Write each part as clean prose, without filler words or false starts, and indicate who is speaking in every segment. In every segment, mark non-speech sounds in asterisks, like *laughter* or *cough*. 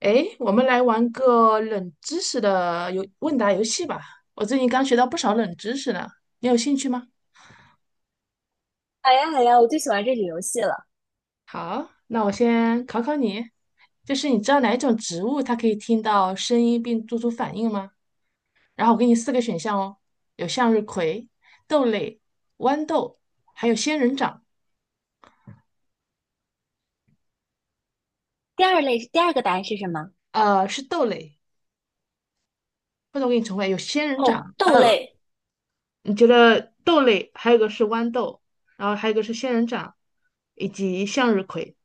Speaker 1: 诶，我们来玩个冷知识的游问答游戏吧。我最近刚学到不少冷知识呢，你有兴趣吗？
Speaker 2: 好呀，好呀，我最喜欢这里游戏了。
Speaker 1: 好，那我先考考你，就是你知道哪一种植物它可以听到声音并做出反应吗？然后我给你四个选项哦，有向日葵、豆类、豌豆，还有仙人掌。
Speaker 2: 第二类，第二个答案是什么？
Speaker 1: 是豆类，或者我给你重复一下有仙人掌。
Speaker 2: 哦，豆类。
Speaker 1: 你觉得豆类，还有一个是豌豆，然后还有一个是仙人掌，以及向日葵。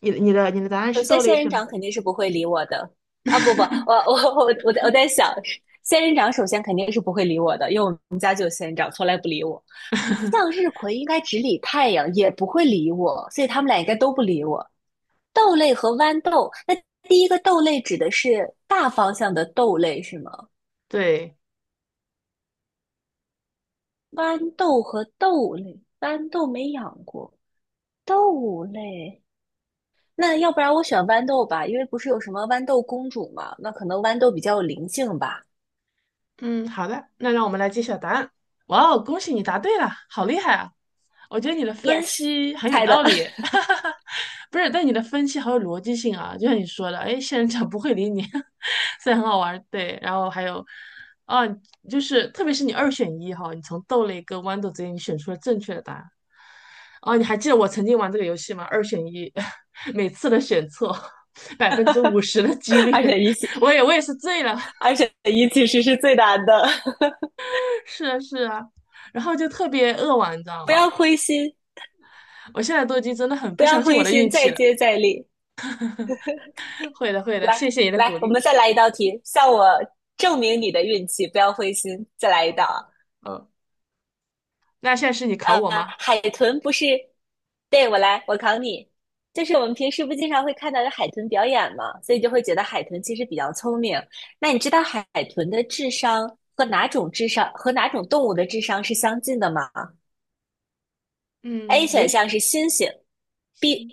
Speaker 1: 你的答案
Speaker 2: 首
Speaker 1: 是
Speaker 2: 先，
Speaker 1: 豆类
Speaker 2: 仙人
Speaker 1: 是吗？
Speaker 2: 掌肯定是不会理我的啊！不，我在想，仙人掌首先肯定是不会理我的，因为我们家就有仙人掌。
Speaker 1: *laughs*
Speaker 2: 向日葵应该只理太阳，也不会理我，所以他们俩应该都不理我。豆类和豌豆，那第一个豆类指的是大方向的豆类是吗？
Speaker 1: 对。
Speaker 2: 豌豆和豆类，豌豆没养过，豆类。那要不然我选豌豆吧，因为不是有什么豌豆公主嘛，那可能豌豆比较有灵性吧。
Speaker 1: 嗯，好的，那让我们来揭晓答案。哇哦，恭喜你答对了，好厉害啊！我觉得你的分
Speaker 2: Yes，
Speaker 1: 析很有
Speaker 2: 猜
Speaker 1: 道
Speaker 2: 的，
Speaker 1: 理，*laughs* 哈哈哈。不是，但你的分析好有逻辑性啊，就像你说的，哎，仙人掌不会理你，*laughs* 虽然很好玩儿，对。然后还有，啊，就是特别是你二选一哈，你从豆类跟豌豆之间你选出了正确的答案。哦，你还记得我曾经玩这个游戏吗？二选一，*laughs* 每次都选错百分之五十的几率，
Speaker 2: *laughs* 二选一其
Speaker 1: *laughs* 我也是醉了，
Speaker 2: 二选一其实是最难的，
Speaker 1: 是啊是啊，然后就特别扼腕，你知
Speaker 2: *laughs*
Speaker 1: 道
Speaker 2: 不
Speaker 1: 吗？
Speaker 2: 要灰心，
Speaker 1: 我现在都已经真的很
Speaker 2: 不
Speaker 1: 不
Speaker 2: 要
Speaker 1: 相信我
Speaker 2: 灰
Speaker 1: 的运
Speaker 2: 心，再
Speaker 1: 气了。
Speaker 2: 接再厉。
Speaker 1: *laughs* 会的会的，
Speaker 2: 来
Speaker 1: 谢谢你的鼓
Speaker 2: 来，我
Speaker 1: 励。
Speaker 2: 们再来一道题，向我证明你的运气，不要灰心，再来一道啊。
Speaker 1: 嗯，那现在是你考
Speaker 2: 呃，
Speaker 1: 我吗？
Speaker 2: 海豚不是，对，我来，我考你，就是我们平时不经常会看到有海豚表演嘛，所以就会觉得海豚其实比较聪明。那你知道海豚的智商和哪种智商和哪种动物的智商是相近的吗？A
Speaker 1: 嗯，有
Speaker 2: 选
Speaker 1: 选
Speaker 2: 项是猩猩，B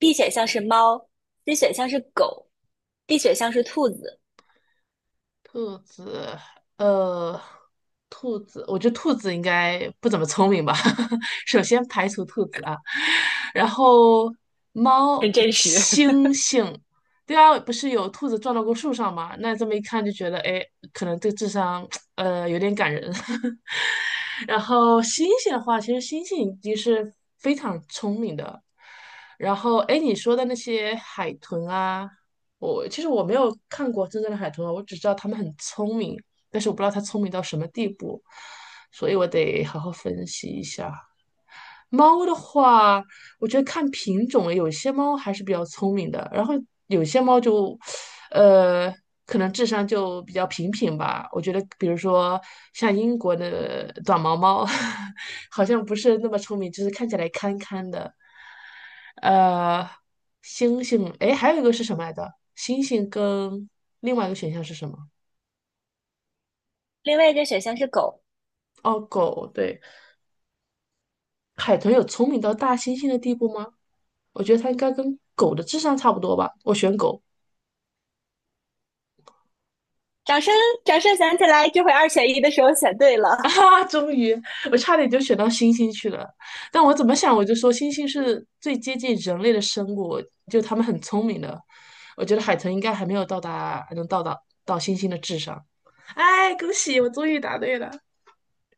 Speaker 2: B 选项是猫，C 选项是狗，D 选项是兔子，
Speaker 1: 兔子，呃，兔子，我觉得兔子应该不怎么聪明吧。*laughs* 首先排除兔子啊，然后猫、
Speaker 2: 很真实。
Speaker 1: 猩
Speaker 2: *laughs*
Speaker 1: 猩，对啊，不是有兔子撞到过树上吗？那这么一看就觉得，哎，可能这智商，有点感人。*laughs* 然后猩猩的话，其实猩猩已经是非常聪明的。然后，哎，你说的那些海豚啊。我其实没有看过真正的海豚啊，我只知道它们很聪明，但是我不知道它聪明到什么地步，所以我得好好分析一下。猫的话，我觉得看品种了有些猫还是比较聪明的，然后有些猫就，呃，可能智商就比较平平吧。我觉得，比如说像英国的短毛猫，*laughs* 好像不是那么聪明，就是看起来憨憨的。呃，星星，诶，还有一个是什么来着？星星跟另外一个选项是什么？
Speaker 2: 另外一个选项是狗。
Speaker 1: 哦，狗，对。海豚有聪明到大猩猩的地步吗？我觉得它应该跟狗的智商差不多吧。我选狗。
Speaker 2: 掌声，掌声响起来！这回二选一的时候选对了。
Speaker 1: *laughs* 啊，终于，我差点就选到猩猩去了。但我怎么想，我就说猩猩是最接近人类的生物，就它们很聪明的。我觉得海豚应该还没有到达，还能到达到猩猩的智商。哎，恭喜，我终于答对了！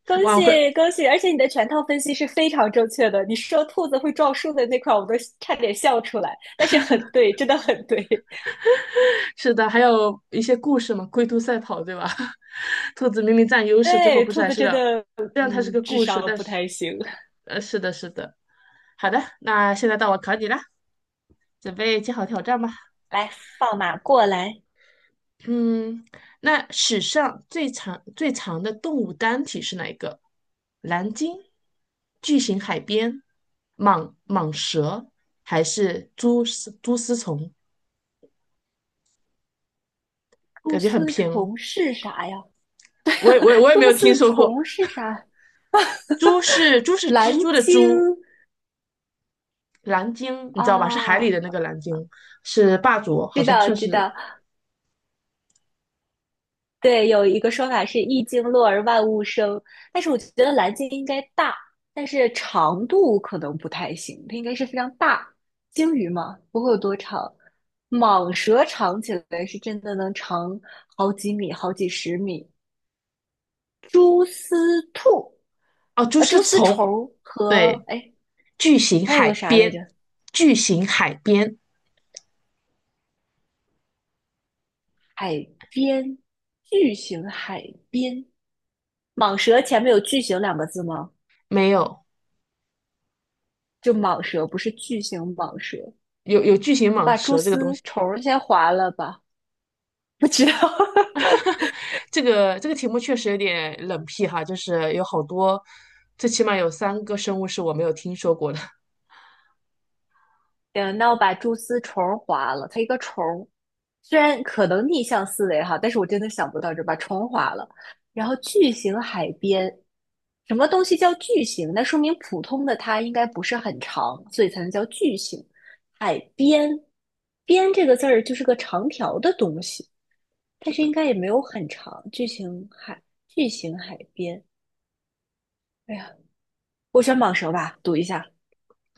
Speaker 2: 恭
Speaker 1: 哇，我
Speaker 2: 喜
Speaker 1: 会
Speaker 2: 恭喜！而且你的全套分析是非常正确的。你说兔子会撞树的那块，我都差点笑出来。但是很对，真的很对。*laughs*
Speaker 1: 是的，还有一些故事嘛，龟兔赛跑，对吧？*laughs* 兔子明明占优势，最后
Speaker 2: 对，
Speaker 1: 不是
Speaker 2: 兔
Speaker 1: 还
Speaker 2: 子
Speaker 1: 是
Speaker 2: 真
Speaker 1: 了。
Speaker 2: 的，
Speaker 1: 虽然它是
Speaker 2: 嗯，
Speaker 1: 个
Speaker 2: 智
Speaker 1: 故事，
Speaker 2: 商
Speaker 1: 但
Speaker 2: 不
Speaker 1: 是，
Speaker 2: 太行。
Speaker 1: 是的，是的。好的，那现在到我考你了，准备接好挑战吧。
Speaker 2: *laughs* 来，放马过来。
Speaker 1: 嗯，那史上最长最长的动物单体是哪一个？蓝鲸、巨型海边、蟒蛇还是蛛丝虫？
Speaker 2: 蛛
Speaker 1: 感觉很
Speaker 2: 丝
Speaker 1: 偏哦，
Speaker 2: 虫是啥呀？
Speaker 1: 我也我也
Speaker 2: *laughs*
Speaker 1: 我也
Speaker 2: 蛛
Speaker 1: 没有听
Speaker 2: 丝
Speaker 1: 说过。
Speaker 2: 虫是啥？
Speaker 1: 猪是猪
Speaker 2: *laughs*
Speaker 1: 是
Speaker 2: 蓝
Speaker 1: 蜘蛛的
Speaker 2: 鲸
Speaker 1: 蛛，蓝鲸你知道吧？是海里
Speaker 2: 啊，
Speaker 1: 的那个蓝鲸，是霸主，好
Speaker 2: 知
Speaker 1: 像
Speaker 2: 道
Speaker 1: 算
Speaker 2: 知
Speaker 1: 是
Speaker 2: 道。对，有一个说法是“一鲸落而万物生”，但是我觉得蓝鲸应该大，但是长度可能不太行，它应该是非常大。鲸鱼嘛，不会有多长。蟒蛇长起来是真的能长好几米、好几十米。蛛丝兔，
Speaker 1: 哦。猪是
Speaker 2: 蛛丝
Speaker 1: 从
Speaker 2: 虫和
Speaker 1: 对
Speaker 2: 哎，
Speaker 1: 巨型
Speaker 2: 还有
Speaker 1: 海
Speaker 2: 个啥来着？
Speaker 1: 边，巨型海边
Speaker 2: 海边，巨型海边。蟒蛇前面有“巨型”两个字吗？
Speaker 1: 没有
Speaker 2: 就蟒蛇，不是巨型蟒蛇。
Speaker 1: 有巨型
Speaker 2: 我
Speaker 1: 蟒
Speaker 2: 把蛛
Speaker 1: 蛇这个东
Speaker 2: 丝
Speaker 1: 西。
Speaker 2: 虫先划了吧，不知道。*laughs*
Speaker 1: *laughs* 这个题目确实有点冷僻哈，就是有好多，最起码有三个生物是我没有听说过的。*laughs*
Speaker 2: 行，那我把蛛丝虫划了，它一个虫虽然可能逆向思维哈，但是我真的想不到这把虫划了。然后巨型海边，什么东西叫巨型？那说明普通的它应该不是很长，所以才能叫巨型。海边，边这个字儿就是个长条的东西，但
Speaker 1: 是
Speaker 2: 是应
Speaker 1: 的，
Speaker 2: 该也没有很长。巨型海边，哎呀，我选蟒蛇吧，赌一下。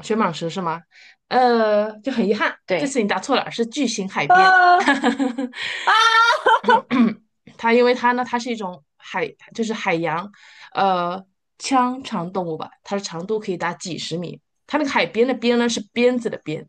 Speaker 1: 雪蟒蛇是吗？就很遗憾，这次
Speaker 2: 对，
Speaker 1: 你答错了，是巨型海
Speaker 2: *laughs*
Speaker 1: 边。
Speaker 2: 啊
Speaker 1: *laughs*
Speaker 2: 啊！
Speaker 1: 它因为它呢，它是一种海，就是海洋，呃，腔肠动物吧，它的长度可以达几十米。它那个海边的边呢是鞭子的鞭，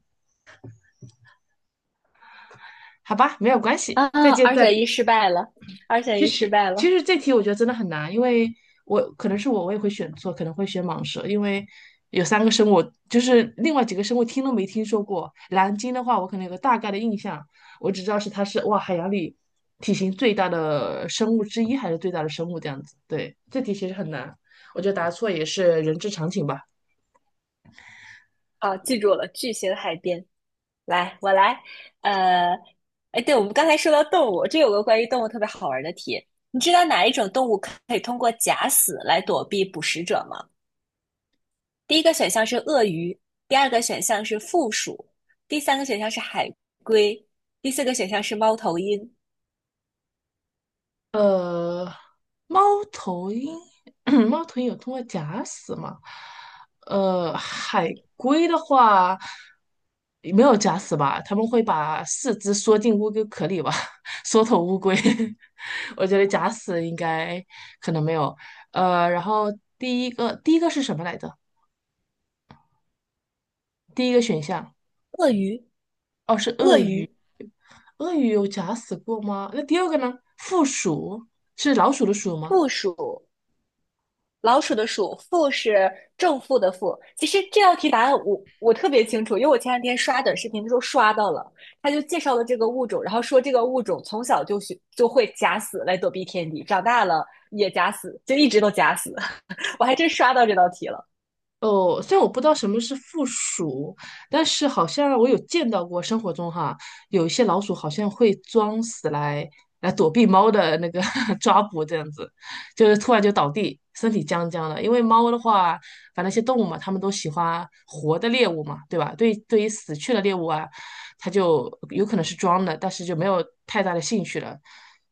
Speaker 1: 好吧，没有关系，再
Speaker 2: 啊！
Speaker 1: 接
Speaker 2: 二
Speaker 1: 再
Speaker 2: 选
Speaker 1: 厉。
Speaker 2: 一失败了，二选
Speaker 1: 其
Speaker 2: 一失
Speaker 1: 实
Speaker 2: 败
Speaker 1: 其
Speaker 2: 了。
Speaker 1: 实这题我觉得真的很难，因为我可能是我我也会选错，可能会选蟒蛇，因为有三个生物，就是另外几个生物听都没听说过。蓝鲸的话，我可能有个大概的印象，我只知道是它是哇海洋里体型最大的生物之一，还是最大的生物这样子。对，这题其实很难，我觉得答错也是人之常情吧。
Speaker 2: 好，记住了，巨型海边。来，我来。呃，哎，对，我们刚才说到动物，这有个关于动物特别好玩的题。你知道哪一种动物可以通过假死来躲避捕食者吗？第一个选项是鳄鱼，第二个选项是负鼠，第三个选项是海龟，第四个选项是猫头鹰。
Speaker 1: 呃，猫头鹰，*clears throat* 猫头鹰有通过假死吗？海龟的话也没有假死吧？他们会把四肢缩进乌龟壳里吧？*laughs* 缩头乌龟，*laughs* 我觉得假死应该可能没有。然后第一个是什么来着？第一个选项
Speaker 2: 鳄鱼，
Speaker 1: 哦是
Speaker 2: 鳄
Speaker 1: 鳄鱼，
Speaker 2: 鱼，
Speaker 1: 鳄鱼有假死过吗？那第二个呢？负鼠是老鼠的鼠吗？
Speaker 2: 负鼠。老鼠的鼠，负是正负的负。其实这道题答案我特别清楚，因为我前两天刷短视频的时候刷到了，他就介绍了这个物种，然后说这个物种从小就学就会假死来躲避天敌，长大了也假死，就一直都假死。*laughs* 我还真刷到这道题了，
Speaker 1: 哦，虽然我不知道什么是负鼠，但是好像我有见到过生活中哈，有一些老鼠好像会装死来躲避猫的那个 *laughs* 抓捕，这样子，就是突然就倒地，身体僵僵的。因为猫的话，反正一些动物嘛，它们都喜欢活的猎物嘛，对吧？对，对于死去的猎物啊，它就有可能是装的，但是就没有太大的兴趣了，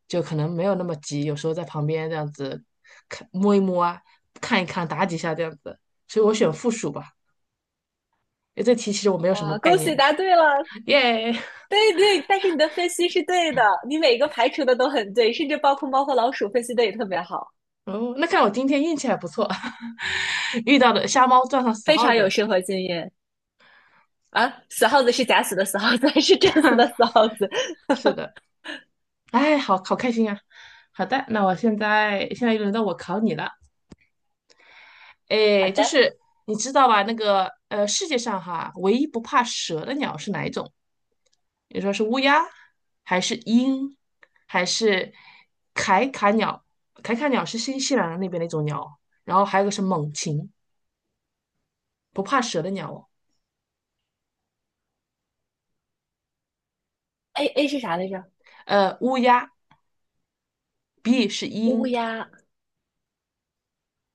Speaker 1: 就可能没有那么急，有时候在旁边这样子看摸一摸啊，看一看，打几下这样子。所以我选负数吧。哎，这题其实我没有什么
Speaker 2: 哇，
Speaker 1: 概
Speaker 2: 恭
Speaker 1: 念，
Speaker 2: 喜答对了！
Speaker 1: 耶！yeah!
Speaker 2: 对对，但是你的分析是对的，你每一个排除的都很对，甚至包括猫和老鼠分析的也特别好，
Speaker 1: 哦，那看来我今天运气还不错，*laughs* 遇到的瞎猫撞上死
Speaker 2: 非
Speaker 1: 耗
Speaker 2: 常
Speaker 1: 子
Speaker 2: 有
Speaker 1: 了。
Speaker 2: 生活经验啊！死耗子是假死的死耗子，还是真死的死耗子？
Speaker 1: 是的，哎，好好开心啊！好的，那我现在又轮到我考你了。
Speaker 2: 好
Speaker 1: 哎，就
Speaker 2: 的。
Speaker 1: 是你知道吧？那个世界上哈，唯一不怕蛇的鸟是哪一种？你说是乌鸦，还是鹰，还是凯卡鸟？凯卡鸟是新西兰那边的一种鸟，然后还有个是猛禽，不怕蛇的鸟哦。
Speaker 2: A 是啥来着？
Speaker 1: 乌鸦，B 是
Speaker 2: 乌
Speaker 1: 鹰。
Speaker 2: 鸦，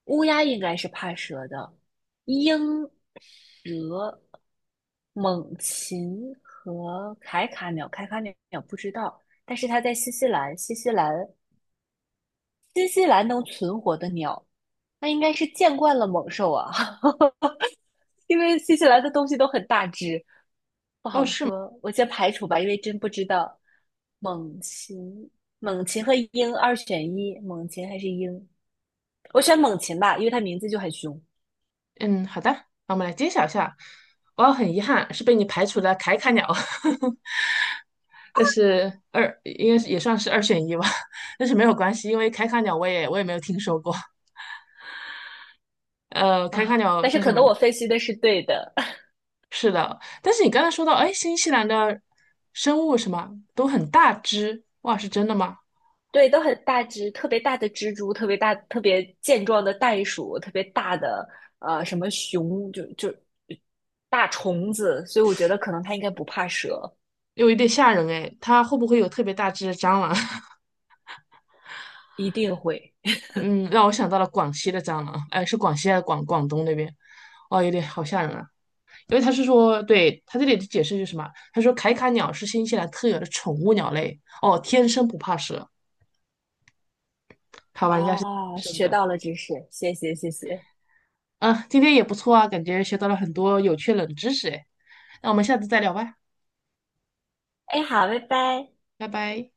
Speaker 2: 乌鸦应该是怕蛇的，鹰、蛇、猛禽和凯卡鸟，凯卡鸟不知道，但是它在新西兰，新西兰能存活的鸟，那应该是见惯了猛兽啊，*laughs* 因为新西兰的东西都很大只，不好说，我先排除吧，因为真不知道。猛禽，猛禽和鹰二选一，猛禽还是鹰？我选猛禽吧，因为它名字就很凶
Speaker 1: 嗯，好的，那我们来揭晓一下。哇，很遗憾是被你排除了凯卡鸟，*laughs* 但是二应该是也算是二选一吧，*laughs* 但是没有关系，因为凯卡鸟我也没有听说过。凯卡
Speaker 2: 啊。
Speaker 1: 鸟
Speaker 2: 但是
Speaker 1: 是什
Speaker 2: 可
Speaker 1: 么
Speaker 2: 能
Speaker 1: 呢？
Speaker 2: 我分析的是对的，*laughs*
Speaker 1: 是的，但是你刚才说到，哎，新西兰的生物什么都很大只，哇，是真的吗？
Speaker 2: 对，都很大只，特别大的蜘蛛，特别大、特别健壮的袋鼠，特别大的什么熊，就大虫子，所以我觉得可能它应该不怕蛇，
Speaker 1: 有一点吓人哎，它会不会有特别大只的蟑螂？
Speaker 2: 一定会
Speaker 1: *laughs* 嗯，让我想到了广西的蟑螂，哎，是广西还是广广东那边？哇，有点好吓人啊。因为他是说，对，他这里的解释是什么？他说凯卡鸟是新西兰特有的宠物鸟类，哦，天生不怕蛇。好吧，人家是，
Speaker 2: 啊。学到了知识，谢谢。
Speaker 1: 嗯，今天也不错啊，感觉学到了很多有趣冷知识哎。那我们下次再聊吧，
Speaker 2: 哎，好，拜拜。
Speaker 1: 拜拜。